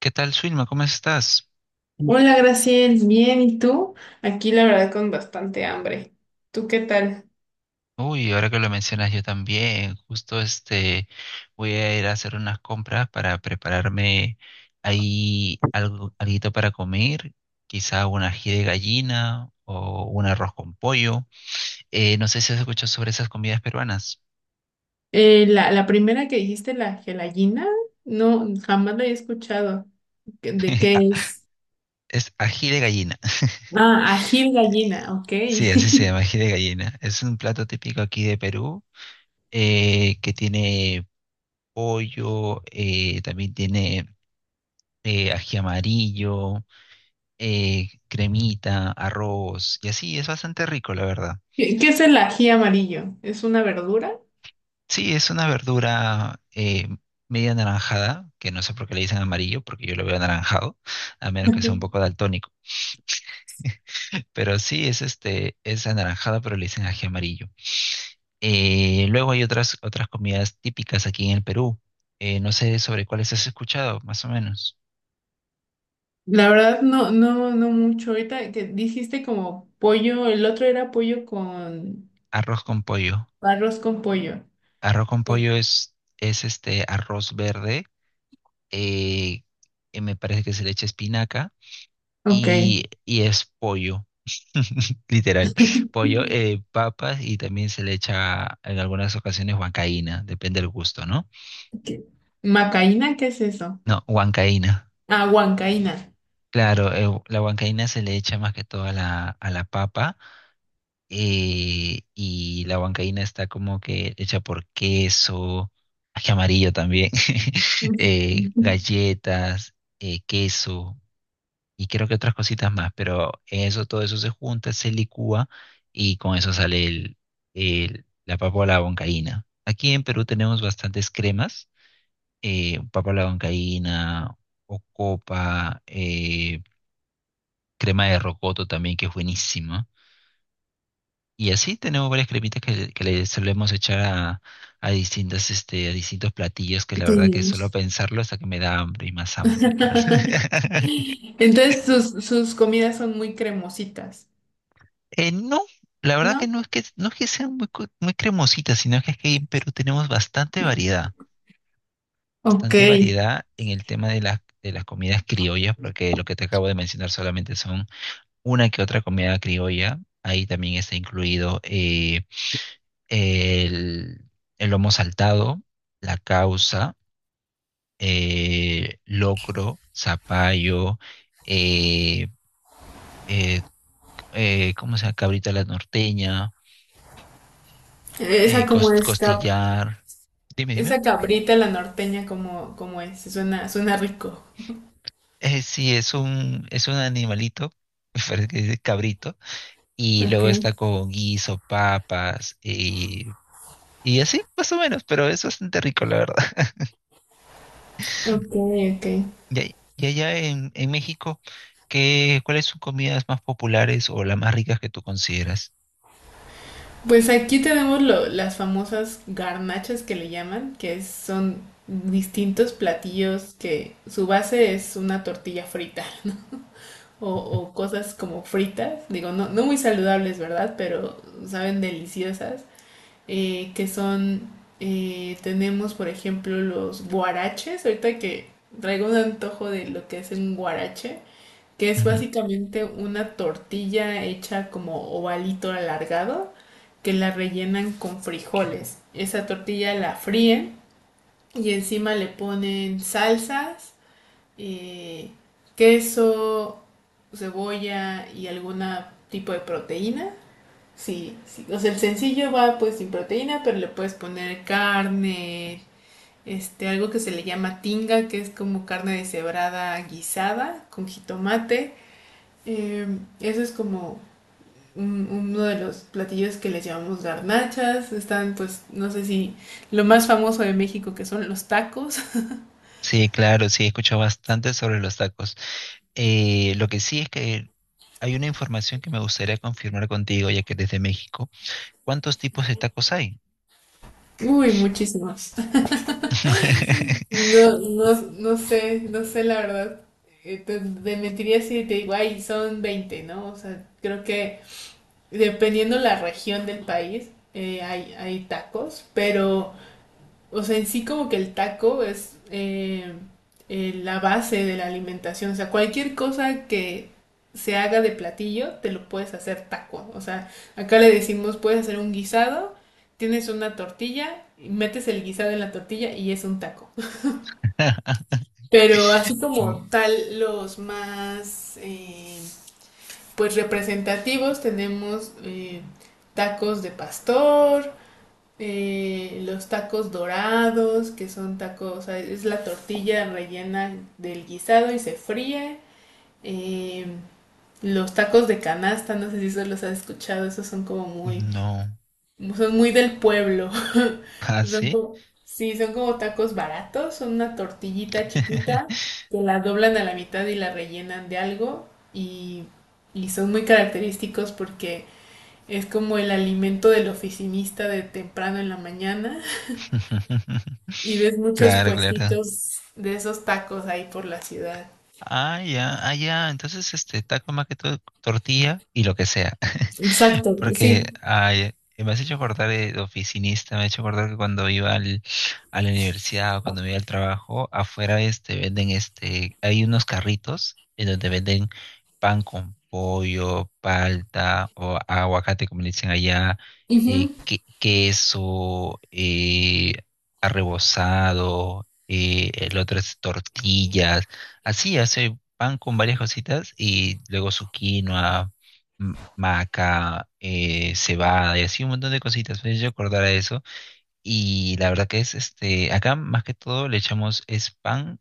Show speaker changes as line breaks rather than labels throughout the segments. ¿Qué tal, Suilma? ¿Cómo estás?
Hola, Graciel, bien, ¿y tú? Aquí la verdad con bastante hambre. ¿Tú qué tal?
Uy, ahora que lo mencionas yo también, justo, voy a ir a hacer unas compras para prepararme ahí algo, alguito para comer, quizá un ají de gallina o un arroz con pollo. No sé si has escuchado sobre esas comidas peruanas.
La primera que dijiste, la gelatina, no, jamás la he escuchado. ¿De qué es?
Es ají de gallina.
Ah, ají de gallina, ok.
Sí, así se
¿Qué,
llama, ají de gallina. Es un plato típico aquí de Perú, que tiene pollo, también tiene ají amarillo, cremita, arroz y así, es bastante rico, la verdad.
qué es el ají amarillo? ¿Es una verdura?
Sí, es una verdura, media anaranjada, que no sé por qué le dicen amarillo, porque yo lo veo anaranjado, a menos que sea un poco daltónico. Pero sí, es anaranjada, pero le dicen ají amarillo. Luego hay otras comidas típicas aquí en el Perú. No sé sobre cuáles has escuchado, más o menos.
La verdad, no, no mucho. Ahorita que dijiste como pollo, el otro era pollo con
Arroz con pollo.
arroz con pollo.
Arroz con
Sí.
pollo es este arroz verde, eh, que me parece que se le echa espinaca
Ok.
y es pollo, literal, pollo, papas y también se le echa en algunas ocasiones huancaína, depende del gusto, ¿no?
¿Qué- ¿Macaína? ¿Qué es eso?
No, huancaína.
Ah, huancaína.
Claro, la huancaína se le echa más que todo a la papa, y la huancaína está como que hecha por queso, ají amarillo también, galletas, queso. Y creo que otras cositas más, pero eso, todo eso se junta, se licúa y con eso sale la papa a la huancaína. Aquí en Perú tenemos bastantes cremas, papa a la huancaína, ocopa, crema de rocoto también, que es buenísima. Y así tenemos varias cremitas que le solemos echar a distintos platillos, que la verdad que solo
Sí.
pensarlo hasta que me da hambre y más hambre, la verdad.
Entonces sus comidas son muy cremositas,
No, la verdad que
¿no?
no es que sean muy cremositas, sino que es que en Perú tenemos bastante variedad,
Ok.
bastante variedad en el tema de las comidas criollas, porque lo que te acabo de mencionar solamente son una que otra comida criolla. Ahí también está incluido el, el lomo saltado, la causa, locro, zapallo, eh, eh, ¿cómo se llama? Cabrita a la norteña,
Esa como es cab-
costillar. Dime, dime.
Esa cabrita, la norteña, como, como es, suena, suena rico.
Sí, es un animalito, me parece que dice cabrito, y
Ok,
luego está con guiso, papas, y así, más o menos, pero es bastante rico, la verdad.
ok, ok.
Y allá en México, ¿Cuáles son comidas más populares o las más ricas que tú consideras?
Pues aquí tenemos las famosas garnachas que le llaman, son distintos platillos que su base es una tortilla frita. O, o cosas como fritas, digo, no, no muy saludables, ¿verdad? Pero saben deliciosas, eh, que son, tenemos por ejemplo los guaraches, ahorita que traigo un antojo de lo que es un guarache, que es
Ujú.
básicamente una tortilla hecha como ovalito alargado, que la rellenan con frijoles. Esa tortilla la fríen y encima le ponen salsas, eh, queso, cebolla y algún tipo de proteína. Sí, sí, o sea, el sencillo va pues sin proteína, pero le puedes poner carne, este, algo que se le llama tinga, que es como carne deshebrada guisada con jitomate. Eh, Eso es como uno de los platillos que les llamamos garnachas. Están, pues, no sé si lo más famoso de México que son los tacos.
Sí, claro, sí, he escuchado bastante sobre los tacos. Lo que sí es que hay una información que me gustaría confirmar contigo, ya que eres de México. ¿Cuántos tipos de tacos hay?
Uy, muchísimos. No, no, no sé, no sé la verdad. Te mentiría si te digo, ay, son 20, ¿no? O sea, creo que dependiendo la región del país, hay tacos, pero, o sea, en sí como que el taco es la base de la alimentación. O sea, cualquier cosa que se haga de platillo, te lo puedes hacer taco. O sea, acá le decimos, puedes hacer un guisado, tienes una tortilla, y metes el guisado en la tortilla y es un taco. Pero así como
Mm,
tal, los más pues representativos tenemos, tacos de pastor, los tacos dorados, que son tacos, o sea, es la tortilla rellena del guisado y se fríe. Eh, los tacos de canasta, no sé si eso los has escuchado, esos son como muy,
no.
son muy del pueblo.
¿Ah,
Son
sí?
como, sí, son como tacos baratos, son una tortillita chiquita que la doblan a la mitad y la rellenan de algo y, y son muy característicos porque es como el alimento del oficinista de temprano en la mañana y ves muchos
Claro, claro.
puestitos de esos tacos ahí por la ciudad.
Ah, ya, ah, ya. Entonces, este, taco más que todo, tortilla y lo que sea.
Exacto,
Porque
sí.
ay, me has hecho acordar de oficinista, me has hecho acordar que cuando iba a la universidad o cuando iba al trabajo, afuera venden, hay unos carritos en donde venden pan con pollo, palta o aguacate, como le dicen allá,
Ujú.
queso, arrebozado, el otro es tortillas, así hace pan con varias cositas y luego su quinoa, maca, cebada y así un montón de cositas. Me hizo acordar a eso. Y la verdad que es, este, acá más que todo le echamos es pan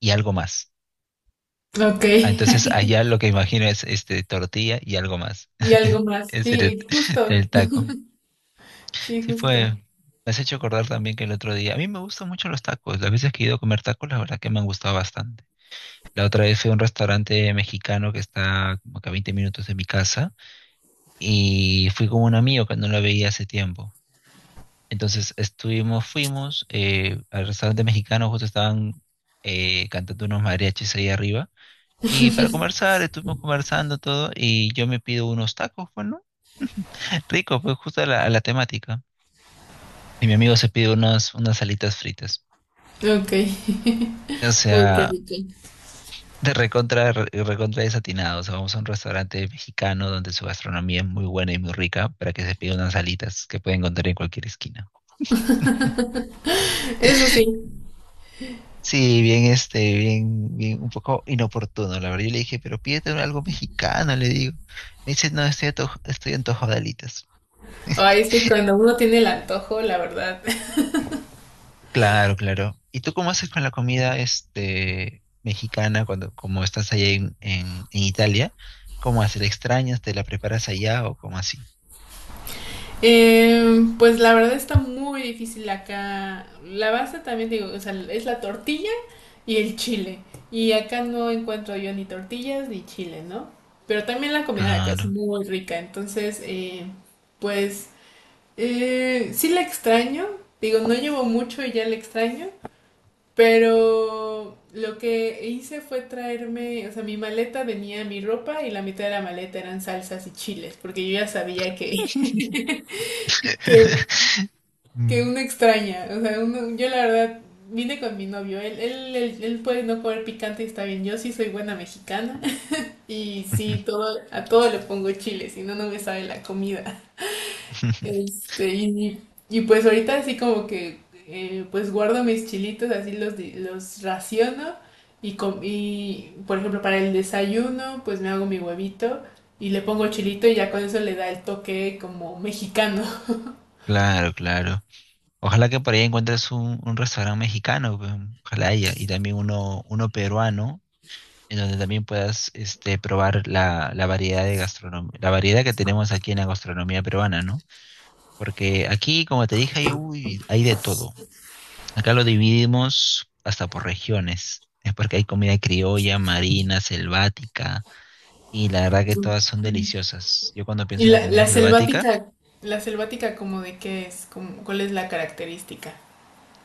y algo más.
Ok.
Ah, entonces allá lo que imagino es tortilla y algo más.
Y algo más.
Es el,
Sí, justo.
el taco.
Sí,
Sí fue.
justo.
Me has hecho acordar también que el otro día, a mí me gustan mucho los tacos. Las veces que he ido a comer tacos, la verdad que me han gustado bastante. La otra vez fui a un restaurante mexicano que está como que a 20 minutos de mi casa y fui con un amigo que no lo veía hace tiempo. Entonces fuimos al restaurante mexicano, justo estaban cantando unos mariachis ahí arriba. Y para conversar, estuvimos conversando todo y yo me pido unos tacos, bueno, rico, pues justo a la temática. Y mi amigo se pide unas alitas fritas.
Ok.
O
Uy,
sea, de recontra, recontra desatinado. O sea, vamos a un restaurante mexicano donde su gastronomía es muy buena y muy rica para que se pida unas alitas que pueden encontrar en cualquier esquina.
eso sí.
Sí, bien, este, bien, bien, un poco inoportuno, la verdad. Yo le dije, pero pídete algo mexicano, le digo. Me dice, no, estoy antojado de alitas.
Ay, es que cuando uno tiene el antojo, la verdad.
Claro, claro. ¿Y tú cómo haces con la comida, mexicana cuando, como estás allá en, en Italia? ¿Cómo haces? ¿La extrañas? ¿Te la preparas allá o cómo así?
Pues la verdad está muy difícil acá. La base también digo, o sea, es la tortilla y el chile. Y acá no encuentro yo ni tortillas ni chile, ¿no? Pero también la comida de acá es
Claro.
muy rica. Entonces, pues sí la extraño. Digo, no llevo mucho y ya la extraño. Pero lo que hice fue traerme, o sea, mi maleta venía mi ropa y la mitad de la maleta eran salsas y chiles, porque yo ya sabía que, que que
Mm.
uno extraña. O sea, uno, yo la verdad vine con mi novio. Él puede no comer picante y está bien. Yo sí soy buena mexicana. Y sí, todo, a todo le pongo chile, si no, no me sabe la comida. Este, y, y pues ahorita así como que pues guardo mis chilitos, así los, los raciono. Y, y por ejemplo para el desayuno pues me hago mi huevito y le pongo chilito y ya con eso le da el toque como mexicano.
Claro, claro. Ojalá que por ahí encuentres un restaurante mexicano, pues, ojalá haya, y también uno peruano. En donde también puedas probar la variedad de gastronomía, la variedad que tenemos aquí en la gastronomía peruana, ¿no? Porque aquí, como te dije, hay, uy, hay de todo. Acá lo dividimos hasta por regiones. Es porque hay comida criolla, marina, selvática, y la verdad que todas son deliciosas. Yo cuando
Y
pienso en
la, la selvática, la selvática como de qué es, como, ¿cuál es la característica?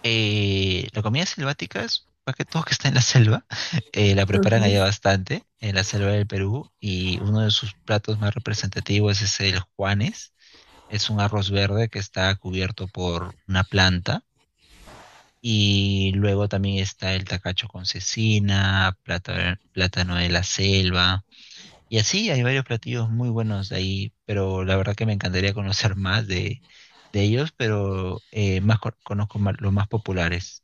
la comida selvática es más que todo que está en la selva, la
Ok.
preparan
Oye,
allá bastante, en la selva del Perú, y uno de sus platos más representativos es el Juanes. Es un arroz verde que está cubierto por una planta. Y luego también está el tacacho con cecina, plátano de la selva. Y así hay varios platillos muy buenos de ahí, pero la verdad que me encantaría conocer más de ellos, pero conozco los más populares.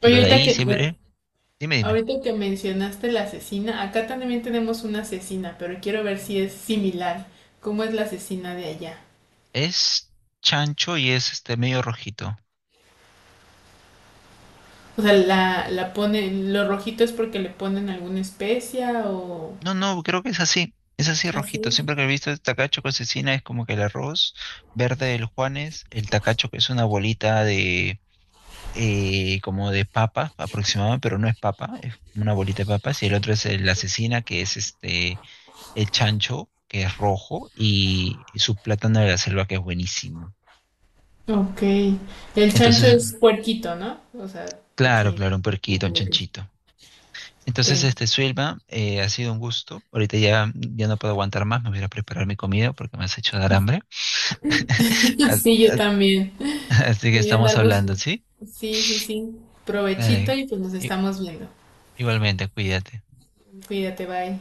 Pero de
ahorita
ahí
que,
siempre, dime, dime,
ahorita que mencionaste la asesina, acá también tenemos una asesina, pero quiero ver si es similar. ¿Cómo es la asesina de allá?
es chancho y es medio rojito.
O sea, la ponen, lo rojito es porque le ponen alguna especia o...
No, no, creo que es así. Es así
Así
rojito.
es.
Siempre que he visto el tacacho con cecina es como que el arroz verde del Juanes, el tacacho que es una bolita de como de papa aproximada, pero no es papa, es una bolita de papas, y el otro es la cecina, que es el chancho, que es rojo, y su plátano de la selva, que es buenísimo.
Ok. El chancho
Entonces,
es puerquito, ¿no? O sea,
claro,
cochinito.
claro, un puerquito, un
Ok.
chanchito. Entonces, Suelva, ha sido un gusto. Ahorita ya, ya no puedo aguantar más, me voy a ir a preparar mi comida porque me has hecho dar hambre. As-
Sí, yo
as-
también.
Así que
Voy a
estamos
andar bus-
hablando, ¿sí?
Sí, sí, sí. Provechito
Dale.
y pues nos
I-
estamos viendo.
Igualmente, cuídate.
Cuídate, bye.